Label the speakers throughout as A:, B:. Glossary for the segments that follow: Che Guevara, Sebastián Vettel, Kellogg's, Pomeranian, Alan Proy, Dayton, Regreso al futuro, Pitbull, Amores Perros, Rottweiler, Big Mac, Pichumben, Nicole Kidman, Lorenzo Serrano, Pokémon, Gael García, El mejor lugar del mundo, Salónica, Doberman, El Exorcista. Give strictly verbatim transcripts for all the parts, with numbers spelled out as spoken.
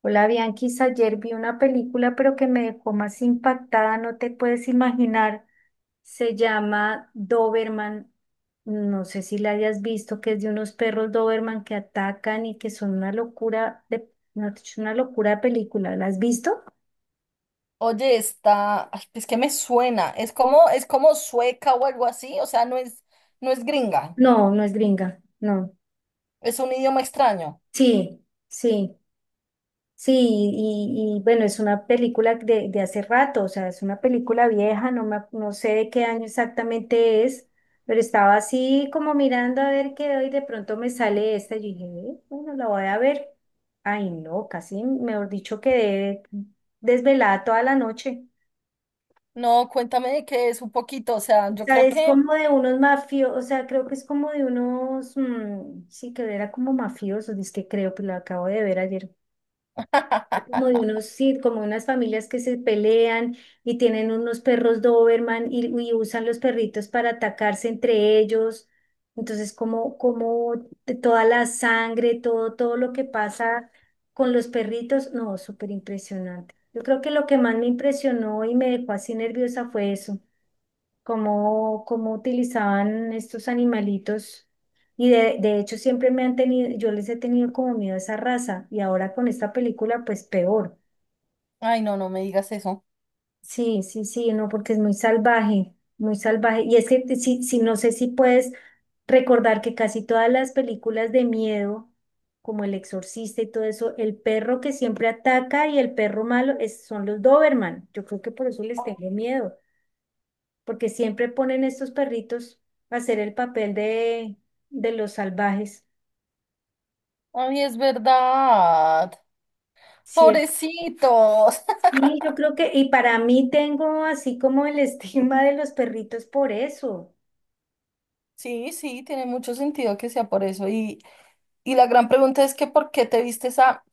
A: Hola Bianquis, ayer vi una película pero que me dejó más impactada, no te puedes imaginar. Se llama Doberman, no sé si la hayas visto, que es de unos perros Doberman que atacan y que son una locura de, no, es una locura de película. ¿La has visto?
B: Oye, está, ay, es que me suena, es como, es como sueca o algo así, o sea, no es, no es gringa,
A: No, no es gringa, no.
B: es un idioma extraño.
A: Sí, sí. Sí, y, y bueno, es una película de, de hace rato, o sea, es una película vieja, no me, ac- no sé de qué año exactamente es, pero estaba así como mirando a ver qué hoy de pronto me sale esta, y yo dije, "Eh, bueno, la voy a ver." Ay, no, casi, mejor dicho, quedé desvelada toda la noche.
B: No, cuéntame de qué es un poquito, o sea,
A: O
B: yo
A: sea,
B: creo
A: es
B: que,
A: como de unos mafiosos, o sea, creo que es como de unos, mm, sí, que era como mafiosos, es que creo que lo acabo de ver ayer. Como de unos, sí, como unas familias que se pelean y tienen unos perros Doberman y, y usan los perritos para atacarse entre ellos. Entonces, como, como de toda la sangre, todo, todo lo que pasa con los perritos, no, súper impresionante. Yo creo que lo que más me impresionó y me dejó así nerviosa fue eso, cómo, cómo utilizaban estos animalitos. Y de, de hecho siempre me han tenido, yo les he tenido como miedo a esa raza y ahora con esta película pues peor.
B: ay, no, no me digas eso.
A: Sí, sí, sí, no, porque es muy salvaje, muy salvaje. Y es que te- sí, sí, no sé si puedes recordar que casi todas las películas de miedo, como El Exorcista y todo eso, el perro que siempre ataca y el perro malo es- son los Doberman. Yo creo que por eso les tengo miedo, porque siempre ponen estos perritos a hacer el papel de, de los salvajes.
B: Ay, es verdad,
A: ¿Cierto?
B: pobrecitos.
A: Sí, yo creo que, y para mí tengo así como el estigma de los perritos por eso.
B: Sí, sí, tiene mucho sentido que sea por eso. Y, y la gran pregunta es que ¿por qué te viste esa,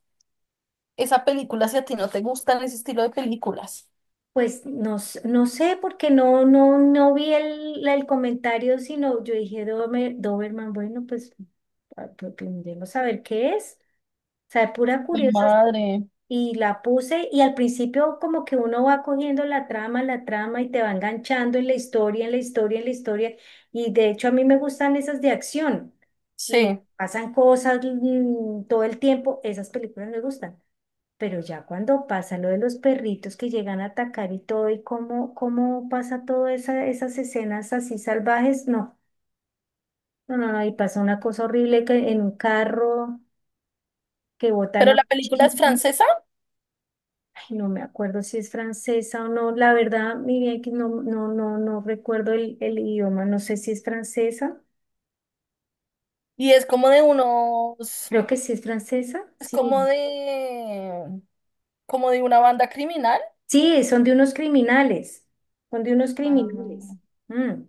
B: esa película si a ti no te gustan ese estilo de películas?
A: Pues no, s- no sé, porque no, no, no vi el, el comentario, sino yo dije, "Dome- Doberman, bueno, pues ah, pues, primero saber qué es, o sea, de pura
B: Mi
A: curiosa",
B: madre.
A: y la puse, y al principio como que uno va cogiendo la trama, la trama, y te va enganchando en la historia, en la historia, en la historia, y de hecho a mí me gustan esas de acción, y
B: Sí,
A: pasan cosas mm, todo el tiempo, esas películas me gustan. Pero ya cuando pasa lo de los perritos que llegan a atacar y todo, y cómo, cómo pasa todas esa, esas escenas así salvajes, no, no, no, no, y pasa una cosa horrible que en un carro que botan
B: pero
A: a
B: la
A: un
B: película es
A: chico.
B: francesa.
A: Ay, no me acuerdo si es francesa o no, la verdad, mi bien que no, no, no, no recuerdo el, el idioma, no sé si es francesa,
B: Y es como de unos,
A: creo que sí es francesa,
B: es como
A: sí.
B: de, como de una banda criminal.
A: Sí, son de unos criminales, son de unos
B: Ah,
A: criminales. Mm.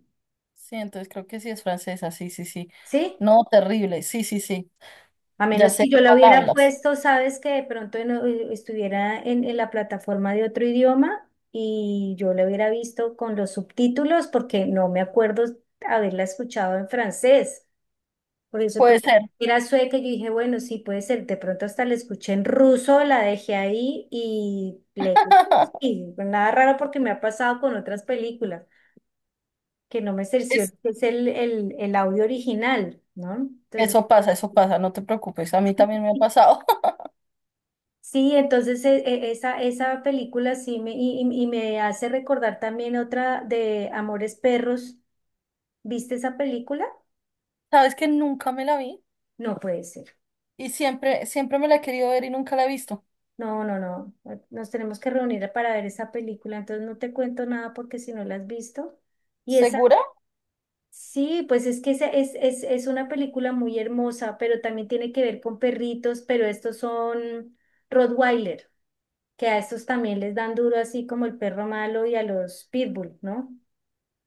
B: sí, entonces creo que sí es francesa, sí, sí, sí.
A: ¿Sí?
B: No, terrible, sí, sí, sí.
A: A
B: Ya
A: menos que
B: sé
A: yo la
B: cuál
A: hubiera
B: hablas.
A: puesto, sabes que de pronto en- eh, estuviera en, en la plataforma de otro idioma y yo la hubiera visto con los subtítulos porque no me acuerdo haberla escuchado en francés. Por eso tú
B: Puede ser.
A: era sueca y yo dije, bueno, sí, puede ser. De pronto hasta la escuché en ruso, la dejé ahí y le... Y nada raro porque me ha pasado con otras películas que no me cercioro
B: Es-
A: que es el, el, el audio original, ¿no? Entonces...
B: Eso pasa, eso pasa, no te preocupes, a mí también me ha pasado.
A: Sí, entonces e- e- esa, esa película sí me, y, y- y me hace recordar también otra de Amores Perros. ¿Viste esa película?
B: Sabes que nunca me la vi
A: No puede ser.
B: y siempre, siempre me la he querido ver y nunca la he visto.
A: No, no, no. Nos tenemos que reunir para ver esa película. Entonces no te cuento nada porque si no la has visto. Y esa,
B: ¿Segura?
A: sí, pues es que esa es, es, es una película muy hermosa, pero también tiene que ver con perritos, pero estos son Rottweiler, que a estos también les dan duro así como el perro malo y a los Pitbull, ¿no?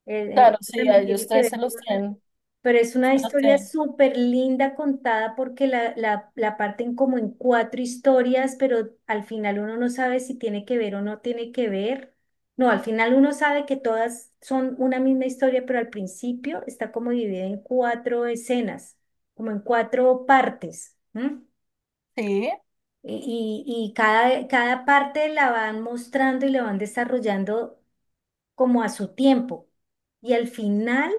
A: Eh, eh,
B: Claro,
A: Eso
B: sí, a
A: también
B: ellos
A: tiene que
B: tres se
A: ver
B: los
A: con,
B: tienen,
A: pero es
B: se
A: una
B: los
A: historia
B: tienen.
A: súper linda contada porque la, la, la parten como en cuatro historias, pero al final uno no sabe si tiene que ver o no tiene que ver. No, al final uno sabe que todas son una misma historia, pero al principio está como dividida en cuatro escenas, como en cuatro partes. ¿M?
B: Sí.
A: Y, y y cada, cada parte la van mostrando y la van desarrollando como a su tiempo. Y al final...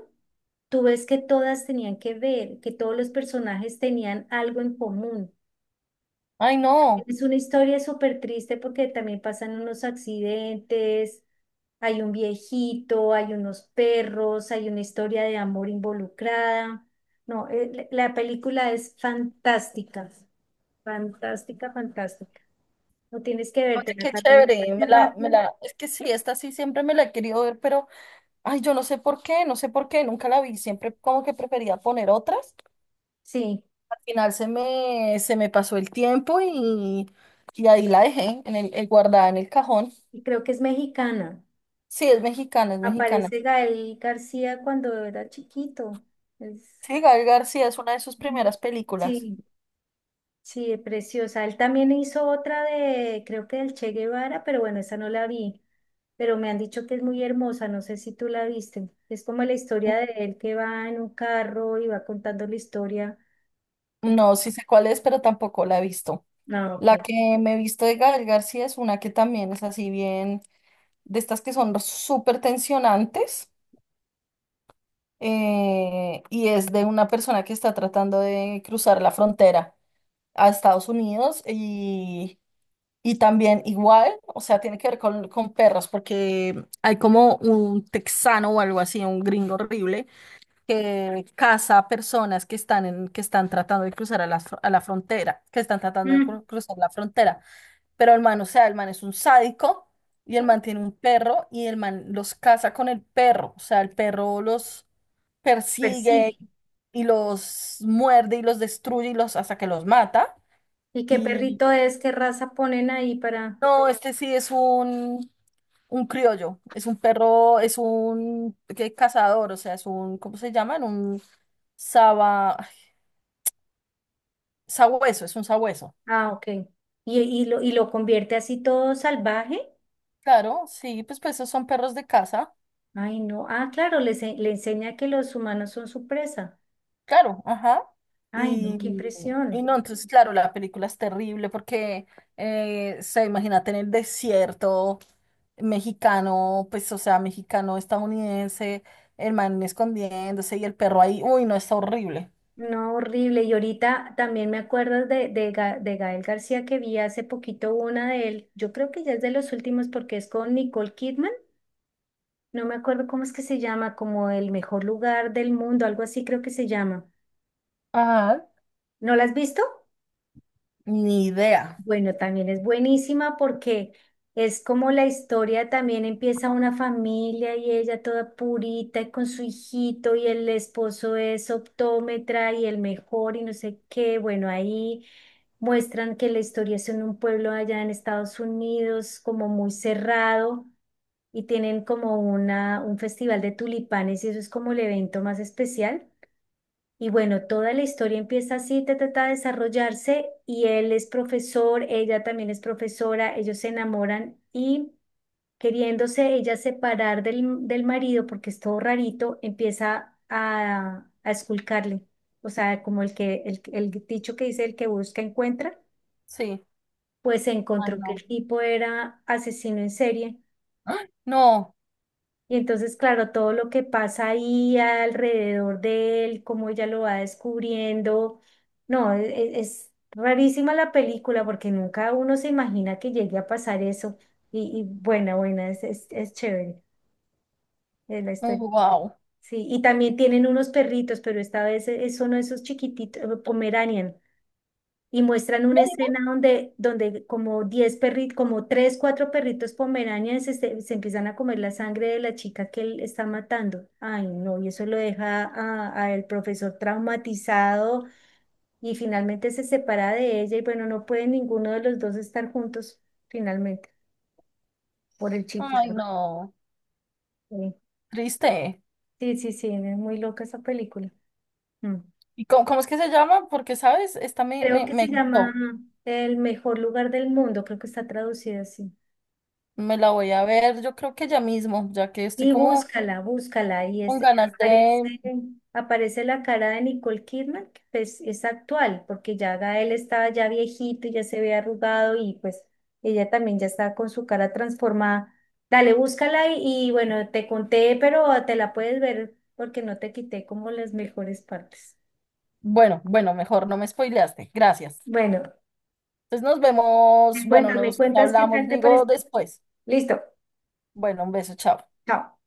A: Tú ves que todas tenían que ver, que todos los personajes tenían algo en común.
B: Ay, no.
A: Es una historia súper triste porque también pasan unos accidentes, hay un viejito, hay unos perros, hay una historia de amor involucrada. No, eh, la la película es fantástica, fantástica, fantástica. No tienes que
B: Oye,
A: vértela
B: qué
A: también
B: chévere, me
A: hace
B: la,
A: rato.
B: me la, es que sí, esta sí siempre me la he querido ver, pero, ay, yo no sé por qué, no sé por qué, nunca la vi, siempre como que prefería poner otras.
A: Sí,
B: Al final se me, se me pasó el tiempo y, y ahí la dejé, en el, eh, guardada en el cajón.
A: y creo que es mexicana.
B: Sí, es mexicana, es mexicana.
A: Aparece Gael García cuando era chiquito. Es...
B: Sí, Gael García es una de sus primeras películas.
A: Sí, sí, es preciosa. Él también hizo otra de, creo que del Che Guevara, pero bueno, esa no la vi. Pero me han dicho que es muy hermosa, no sé si tú la viste. Es como la historia de él que va en un carro y va contando la historia, como,
B: No, sí sé cuál es, pero tampoco la he visto.
A: no, ok.
B: La que me he visto de Gael García es una que también es así bien, de estas que son súper tensionantes. Eh, y es de una persona que está tratando de cruzar la frontera a Estados Unidos y, y también igual, o sea, tiene que ver con, con perros, porque hay como un texano o algo así, un gringo horrible, que caza a personas que están, en, que están tratando de cruzar a la, fr- a la frontera, que están tratando de
A: Mm,
B: cru- cruzar la frontera. Pero el man, o sea, el man es un sádico. Y el man tiene un perro y el man los caza con el perro. O sea, el perro los persigue
A: persigue.
B: y los muerde y los destruye y los hasta que los mata.
A: ¿Y qué
B: Y
A: perrito es? ¿Qué raza ponen ahí para...?
B: no, este sí es un, un criollo, es un perro, es un ¿qué? Cazador, o sea, es un, ¿cómo se llaman? Un saba, ay, sabueso, es un sabueso.
A: Ah, ok. ¿Y, y lo, y lo convierte así todo salvaje?
B: Claro, sí, pues, pues esos son perros de caza.
A: Ay, no. Ah, claro, le, ense- le enseña que los humanos son su presa.
B: Claro, ajá.
A: Ay, no,
B: Y,
A: qué
B: y
A: impresión.
B: no, entonces, claro, la película es terrible porque eh, se imagínate en el desierto mexicano, pues, o sea, mexicano estadounidense, el man escondiéndose y el perro ahí. Uy, no, está horrible.
A: No, horrible. Y ahorita también me acuerdo de, de, Ga- de Gael García que vi hace poquito una de él. Yo creo que ya es de los últimos porque es con Nicole Kidman. No me acuerdo cómo es que se llama, como el mejor lugar del mundo, algo así creo que se llama.
B: Ajá.
A: ¿No la has visto?
B: Ni idea.
A: Bueno, también es buenísima porque es como la historia también empieza una familia y ella toda purita y con su hijito y el esposo es optómetra y el mejor y no sé qué. Bueno, ahí muestran que la historia es en un pueblo allá en Estados Unidos como muy cerrado y tienen como una, un festival de tulipanes y eso es como el evento más especial. Y bueno, toda la historia empieza así, ta, ta, ta, a desarrollarse y él es profesor, ella también es profesora, ellos se enamoran y queriéndose ella separar del, del marido porque es todo rarito, empieza a, a esculcarle. O sea, como el que, el, el dicho que dice el que busca encuentra,
B: Sí.
A: pues se
B: Ay,
A: encontró que
B: no.
A: el tipo era asesino en serie.
B: ¡Ah! No.
A: Y entonces, claro, todo lo que pasa ahí alrededor de él, cómo ella lo va descubriendo. No, e- e- es rarísima la película porque nunca uno se imagina que llegue a pasar eso. Y, y buena, buena, es, es, es chévere eh, la historia.
B: Wow.
A: Sí, y también tienen unos perritos, pero esta vez eh, son esos chiquititos, eh, Pomeranian, y muestran una escena donde, donde como diez perritos, como tres cuatro perritos pomeranians se se, empiezan a comer la sangre de la chica que él está matando. Ay, no, y eso lo deja a, a el profesor traumatizado y finalmente se separa de ella y bueno, no puede ninguno de los dos estar juntos finalmente por el chico.
B: Ay, no.
A: Sí,
B: Triste.
A: sí, sí, sí, es muy loca esa película. Mm.
B: ¿Y cómo, cómo es que se llama? Porque, ¿sabes? Esta me,
A: Creo
B: me,
A: que se
B: me
A: llama
B: gustó.
A: El mejor lugar del mundo, creo que está traducida así.
B: Me la voy a ver, yo creo que ya mismo, ya que estoy
A: Y
B: como
A: búscala, búscala. Y
B: con
A: es,
B: ganas
A: aparece,
B: de...
A: aparece la cara de Nicole Kidman, que pues es actual, porque ya Gael estaba ya viejito, y ya se ve arrugado y pues ella también ya está con su cara transformada. Dale, búscala y, y bueno, te conté, pero te la puedes ver porque no te quité como las mejores partes.
B: Bueno, bueno, mejor no me spoileaste. Gracias.
A: Bueno,
B: Entonces nos vemos,
A: me
B: bueno,
A: cuentas, me
B: nos
A: cuentas qué tal
B: hablamos,
A: te
B: digo,
A: parece.
B: después.
A: Listo,
B: Bueno, un beso, chao.
A: chao.